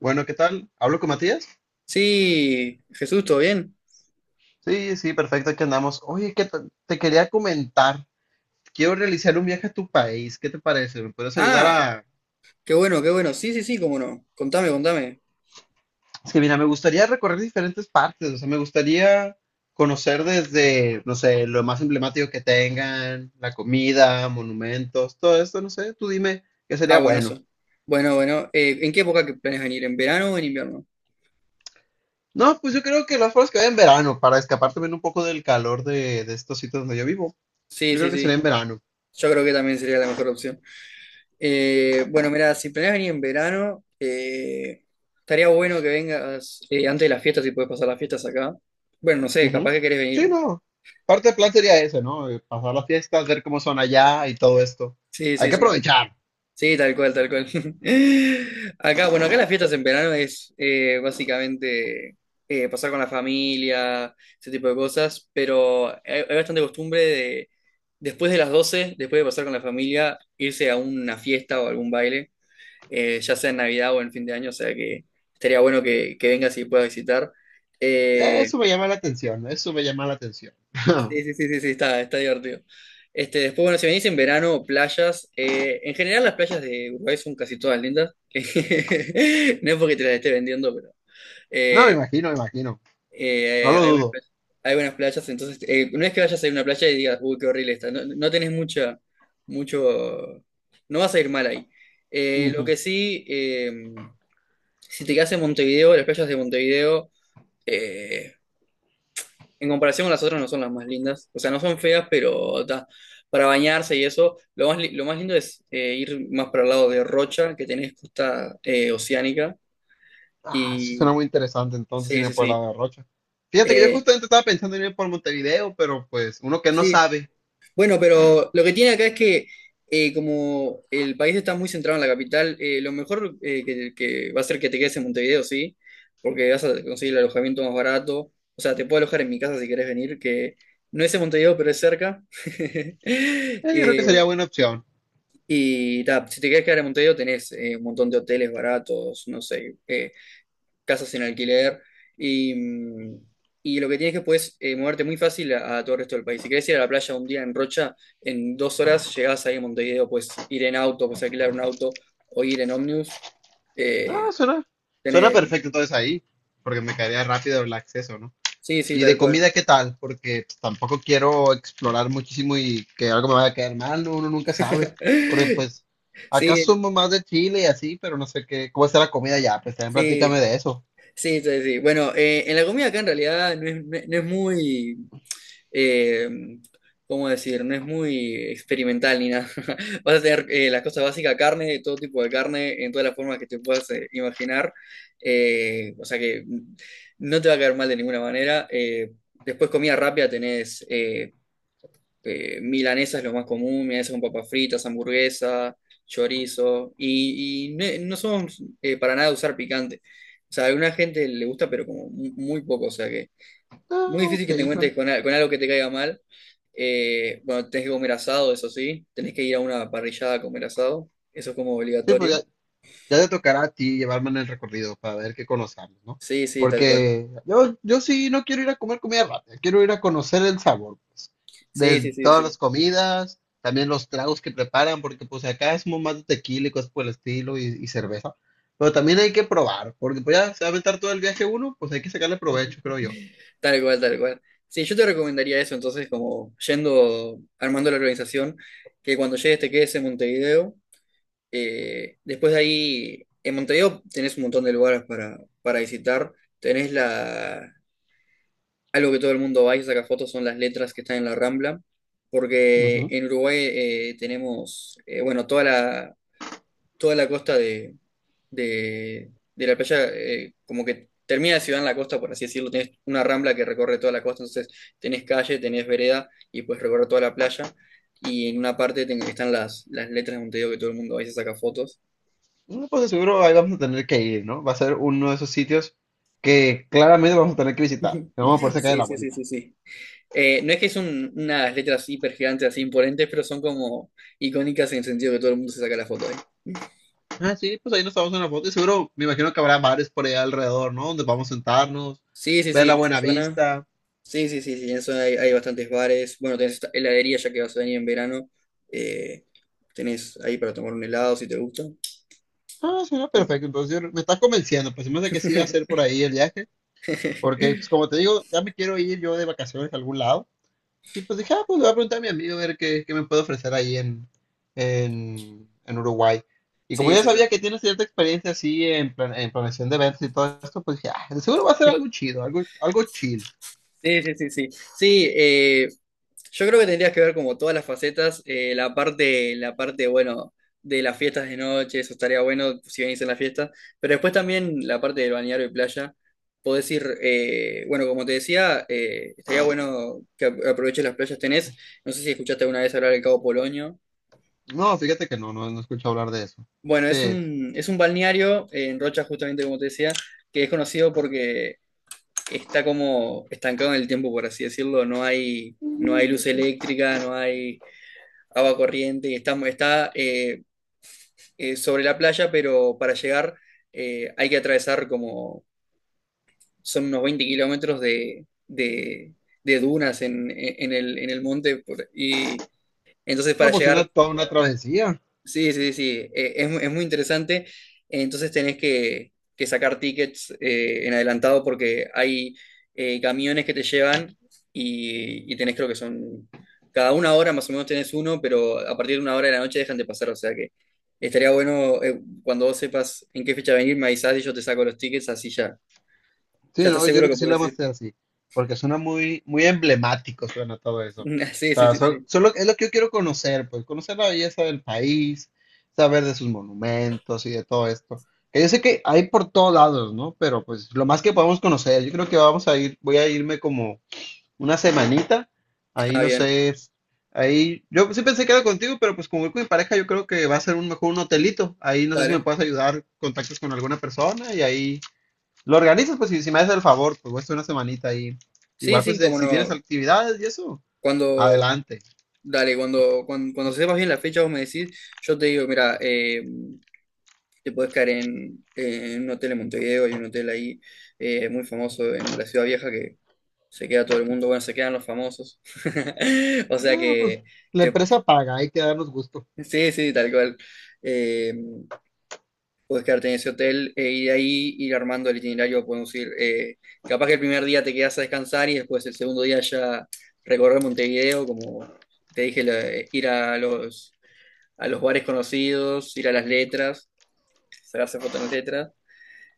Bueno, ¿qué tal? ¿Hablo con Matías? Sí, Jesús, ¿todo bien? Sí, sí, perfecto, aquí andamos. Oye, te quería comentar, quiero realizar un viaje a tu país, ¿qué te parece? ¿Me puedes ayudar Ah, a...? qué bueno, qué bueno. Sí, sí, sí, cómo no. Contame, contame. Es que mira, me gustaría recorrer diferentes partes, o sea, me gustaría conocer desde, no sé, lo más emblemático que tengan, la comida, monumentos, todo esto, no sé, tú dime qué Ah, sería bueno. buenazo. Bueno, bueno. ¿En qué época que planeas venir? ¿En verano o en invierno? No, pues yo creo que las formas que vaya en verano, para escapar también un poco del calor de estos sitios donde yo vivo. Pues Sí, yo sí, creo que sería sí. en verano. Yo creo que también sería la mejor opción. Bueno, mira, si planeas venir en verano, estaría bueno que vengas antes de las fiestas, si puedes pasar las fiestas acá. Bueno, no sé, capaz Ujú. que querés Sí, venir. no. Parte del plan sería ese, ¿no? Pasar las fiestas, ver cómo son allá y todo esto. Sí, Hay sí, que sí. aprovechar. Sí, tal cual, tal cual. Acá, bueno, acá las fiestas en verano es básicamente pasar con la familia, ese tipo de cosas, pero hay bastante costumbre de, después de las 12, después de pasar con la familia, irse a una fiesta o algún baile, ya sea en Navidad o en fin de año, o sea que estaría bueno que vengas y puedas visitar. Eh, Eso me llama la atención, eso me llama la atención. Sí, sí, sí, sí, sí, está divertido. Este, después, bueno, si venís en verano, playas, en general las playas de Uruguay son casi todas lindas. No es porque te las esté vendiendo, pero No, me eh, imagino, me imagino. No eh, lo hay buenas dudo. playas, hay buenas playas, entonces no es que vayas a ir a una playa y digas, uy, qué horrible está. No, no tenés mucha, mucho, no vas a ir mal ahí. Eh, lo Ujú. que sí, eh, si te quedas en Montevideo, las playas de Montevideo eh, en comparación con las otras no son las más lindas. O sea, no son feas, pero ta, para bañarse y eso, lo más, lo más lindo es ir más para el lado de Rocha, que tenés costa oceánica. Ah, eso suena Y muy interesante, entonces sí, irme sí, por el sí. lado de Rocha. Fíjate que yo Eh, justamente estaba pensando en ir por Montevideo, pero pues uno que no sí. sabe, Bueno, pero lo que tiene acá es que como el país está muy centrado en la capital, lo mejor que va a ser que te quedes en Montevideo, sí, porque vas a conseguir el alojamiento más barato. O sea, te puedo alojar en mi casa si querés venir, que no es en Montevideo, pero es cerca. Yo creo que Eh, sería buena opción. Y ta, si te querés quedar en Montevideo tenés un montón de hoteles baratos, no sé, casas en alquiler y, y lo que tienes que puedes moverte muy fácil a todo el resto del país. Si querés ir a la playa un día en Rocha, en 2 horas llegás ahí a Montevideo, puedes ir en auto, puedes alquilar un auto o ir en ómnibus. Ah, Eh, suena, suena tenés- perfecto entonces ahí, porque me caería rápido el acceso, ¿no? Sí, sí, Y de tal cual. comida, ¿qué tal? Porque pues, tampoco quiero explorar muchísimo y que algo me vaya a quedar mal, no, uno nunca sabe. Porque pues acá Sí, somos más de Chile y así, pero no sé qué, cómo está la comida ya, pues también sí, platícame de eso. sí, sí, sí. Bueno, en la comida acá en realidad no es muy, eh, ¿cómo decir? No es muy experimental ni nada. Vas a tener las cosas básicas, carne, todo tipo de carne, en todas las formas que te puedas imaginar. O sea que no te va a caer mal de ninguna manera. Después comida rápida tenés milanesa es lo más común, milanesa con papas fritas, hamburguesa, chorizo. No somos para nada de usar picante. O sea, a alguna gente le gusta, pero como muy poco. O sea que Ah, muy difícil ok, que te encuentres son- con, con algo que te caiga mal. Bueno, tenés que comer asado, eso sí. Tenés que ir a una parrillada a comer asado. Eso es como sí, pues ya, obligatorio. ya te tocará a ti llevarme en el recorrido para ver qué conozcamos, ¿no? Sí, sí, tal cual. Porque yo sí no quiero ir a comer comida rápida, quiero ir a conocer el sabor, pues, Sí, de sí, sí, todas sí. las comidas, también los tragos que preparan, porque pues acá es más de tequila y cosas por el estilo y cerveza, pero también hay que probar, porque pues ya se va a aventar todo el viaje uno, pues hay que sacarle provecho, creo yo. Tal cual, tal cual. Sí, yo te recomendaría eso, entonces, como yendo, armando la organización, que cuando llegues te quedes en Montevideo. Después de ahí, en Montevideo tenés un montón de lugares para visitar. Tenés la, Algo que todo el mundo va y saca fotos son las letras que están en la Rambla, porque Ujú. en Uruguay tenemos, bueno, toda la costa de de la playa, como que termina la ciudad en la costa, por así decirlo, tenés una Rambla que recorre toda la costa, entonces tenés calle, tenés vereda y puedes recorrer toda la playa, y en una parte están las letras de Montevideo que todo el mundo va y se saca fotos. No, pues de seguro ahí vamos a tener que ir, ¿no? Va a ser uno de esos sitios que claramente vamos a tener que visitar, que vamos a poder sacar de Sí, la sí, sí, vuelta. sí, sí. No es que son unas letras hiper gigantes así imponentes, pero son como icónicas en el sentido que todo el mundo se saca la foto ahí. Ah, sí, pues ahí nos tomamos una foto y seguro me imagino que habrá bares por allá alrededor, ¿no? Donde vamos a sentarnos, Sí, sí, ver sí, la en esa buena zona. vista. Sí, sí, sí, sí, en esa zona hay bastantes bares. Bueno, tenés esta heladería ya que vas a venir en verano. Eh, Tenés ahí para tomar un helado si te gusta. Ah, suena Bien. perfecto. Entonces me estás convenciendo, pues se me hace que sí va a ser por ahí el viaje, porque pues como te digo, ya me quiero ir yo de vacaciones a algún lado. Y pues dije, ah, pues le voy a preguntar a mi amigo a ver qué me puede ofrecer ahí en Uruguay. Y como Sí, yo sí, sabía sí. que tiene cierta experiencia así en, en planeación de eventos y todo esto, pues dije, ah, seguro va a ser algo chido, algo, algo chill. Sí, sí, sí, sí. Sí, yo creo que tendrías que ver como todas las facetas, la parte, bueno, de las fiestas de noche, eso estaría bueno si venís en la fiesta, pero después también la parte del balneario y playa, podés ir, bueno, como te decía, estaría bueno que aproveches las playas tenés, no sé si escuchaste alguna vez hablar del Cabo Polonio, No, fíjate que no, no he escuchado hablar de eso. bueno, ¿Qué es? Es un balneario en Rocha, justamente como te decía, que es conocido porque está como estancado en el tiempo, por así decirlo, no hay, no hay ¿Dónde luz se- eléctrica, no hay agua corriente, estamos, está sobre la playa, pero para llegar hay que atravesar como, son unos 20 kilómetros de, de dunas en el monte, y entonces No, para pues una, llegar. toda una travesía. Sí, sí, sí, es, es muy interesante. Entonces tenés que sacar tickets en adelantado porque hay camiones que te llevan y tenés creo que son, cada una hora más o menos tenés uno, pero a partir de una hora de la noche dejan de pasar. O sea que estaría bueno cuando vos sepas en qué fecha venir, me avisás y yo te saco los tickets, así ya, Sí, ya estás no, yo seguro creo que que sí la podés vamos a ir. hacer así, porque suena muy, muy emblemático, suena todo eso. O Sí, sí, sea, sí, sí. solo es lo que yo quiero conocer, pues conocer la belleza del país, saber de sus monumentos y de todo esto. Que yo sé que hay por todos lados, ¿no? Pero pues lo más que podemos conocer, yo creo que vamos a ir, voy a irme como una semanita. Ahí Ah, no bien, sé, ahí yo sí pensé que era contigo, pero pues como voy con mi pareja, yo creo que va a ser un mejor un hotelito. Ahí no sé si me dale. puedes ayudar, contactos con alguna persona y ahí lo organizas, pues si me haces el favor, pues voy a estar una semanita ahí. Sí, Igual pues sí, como si tienes no. actividades y eso, Cuando, adelante. Dale, cuando sepas bien la fecha, vos me decís, yo te digo, mira, te podés quedar en un hotel en Montevideo, hay un hotel ahí muy famoso en la Ciudad Vieja que se queda todo el mundo, bueno, se quedan los famosos. O sea No, pues que, la te- empresa paga, hay que darnos gusto. sí, sí, tal cual. Eh, Podés quedarte en ese hotel y de ahí ir armando el itinerario, podemos ir, capaz que el primer día te quedas a descansar y después el segundo día ya recorrer Montevideo, como te dije, ir a los a los bares conocidos, ir a las letras, sacarse fotos en las letras.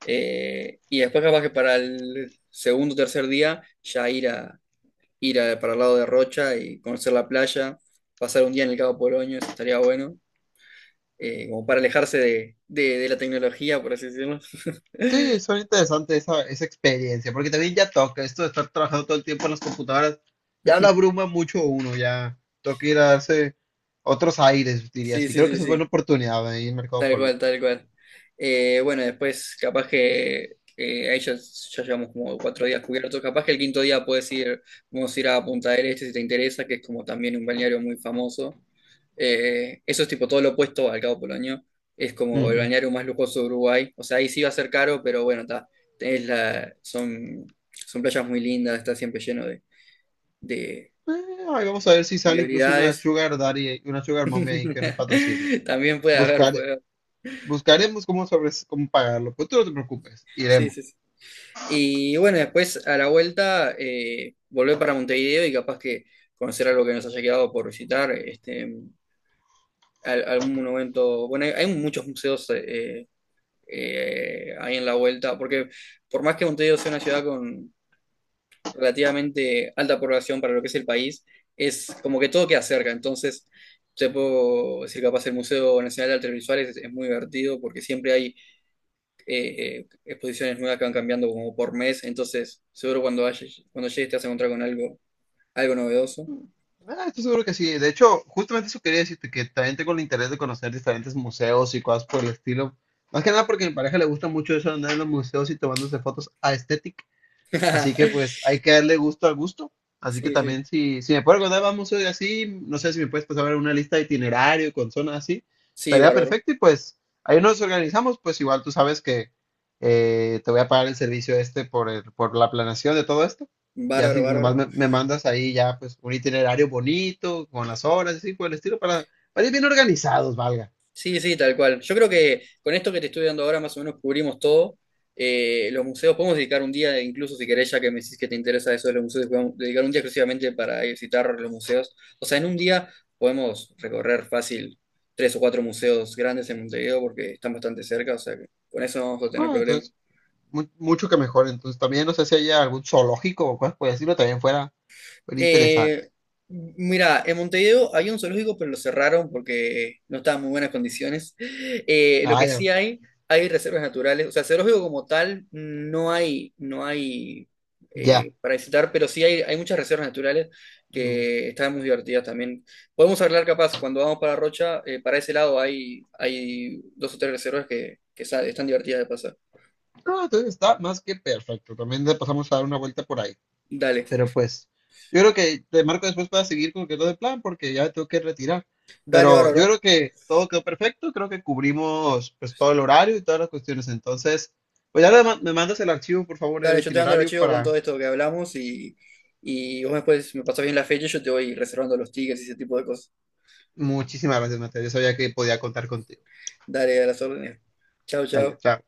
Y después capaz que para el segundo o tercer día ya ir a para el lado de Rocha y conocer la playa, pasar un día en el Cabo Polonio, eso estaría bueno, como para alejarse de, de la tecnología, por así decirlo. Sí, son interesante esa, esa experiencia, porque también ya toca esto de estar trabajando todo el tiempo en las computadoras, ya la abruma mucho uno, ya toca ir a darse otros aires, diría Sí, así. sí, Creo que sí, esa es buena sí. oportunidad ahí en Mercado Tal cual, Poloño. tal cual. Bueno, después capaz que ahí ya, ya llevamos como 4 días cubiertos. Capaz que el quinto día puedes ir, vamos a ir a Punta del Este si te interesa, que es como también un balneario muy famoso. Eso es tipo todo lo opuesto al Cabo Polonio. Es como el Ujú. balneario más lujoso de Uruguay. O sea, ahí sí va a ser caro, pero bueno, está. Son, son playas muy lindas, está siempre lleno de Ahí vamos a ver si sale incluso una celebridades. Sugar Daddy, una Sugar Mommy ahí que nos patrocine. También puede haber, Buscar, puede haber. buscaremos cómo, sobre, cómo pagarlo, pues tú no te preocupes, Sí, iremos. sí, sí. Y bueno, después a la vuelta volver para Montevideo y capaz que conocer algo que nos haya quedado por visitar, este, algún monumento. Bueno, hay muchos museos ahí en la vuelta, porque por más que Montevideo sea una ciudad con relativamente alta población para lo que es el país, es como que todo queda cerca. Entonces, te puedo decir capaz el Museo Nacional de Artes Visuales es muy divertido porque siempre hay exposiciones nuevas que van cambiando como por mes, entonces seguro cuando, cuando llegues te vas a encontrar con algo, algo novedoso. Mm, Ah, estoy seguro que sí. De hecho, justamente eso quería decirte, que también tengo el interés de conocer diferentes museos y cosas por el estilo. Más que nada porque a mi pareja le gusta mucho eso de andar en los museos y tomándose fotos. Así que pues hay que darle gusto al gusto. Así que Sí, sí, también si me puedo acordar, vamos hoy así, no sé si me puedes pasar una lista de itinerario con zonas así, sí, estaría bárbaro, perfecto y pues ahí nos organizamos, pues igual tú sabes que te voy a pagar el servicio este por la planeación de todo esto. Ya bárbaro, si bárbaro. nomás me mandas ahí ya pues un itinerario bonito, con las horas, y así por el estilo, para ir bien organizados, valga. Sí, sí, tal cual. Yo creo que con esto que te estoy dando ahora más o menos cubrimos todo. Los museos, podemos dedicar un día, incluso si querés, ya que me decís que te interesa eso de los museos, podemos dedicar un día exclusivamente para ir a visitar los museos. O sea, en un día podemos recorrer fácil tres o cuatro museos grandes en Montevideo porque están bastante cerca, o sea que con eso no vamos a tener Ah, problema. entonces, mucho que mejor. Entonces también no sé si haya algún zoológico o cosas por decirlo, también fuera Eh, interesante. Mira, en Montevideo había un zoológico, pero lo cerraron porque no estaba en muy buenas condiciones. Lo que sí Vaya, hay reservas naturales. O sea, zoológico como tal, no hay, no hay ya. Para visitar, pero sí hay muchas reservas naturales Mm. que están muy divertidas también. Podemos hablar capaz, cuando vamos para Rocha, para ese lado hay, hay dos o tres reservas que, están divertidas de pasar. No, entonces está más que perfecto. También le pasamos a dar una vuelta por ahí. Dale, Pero pues, yo creo que te marco después para seguir con lo que es lo de plan, porque ya me tengo que retirar. dale, Pero yo bárbaro. creo que todo quedó perfecto. Creo que cubrimos pues todo el horario y todas las cuestiones. Entonces, pues ya le me mandas el archivo, por favor, el Dale, yo te mando el itinerario archivo con todo para... esto que hablamos y vos después me pasás bien la fecha y yo te voy reservando los tickets y ese tipo de cosas. Muchísimas gracias, Mateo. Yo sabía que podía contar contigo. Dale, a las órdenes. Chao, Dale, chao. chao.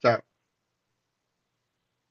Chao.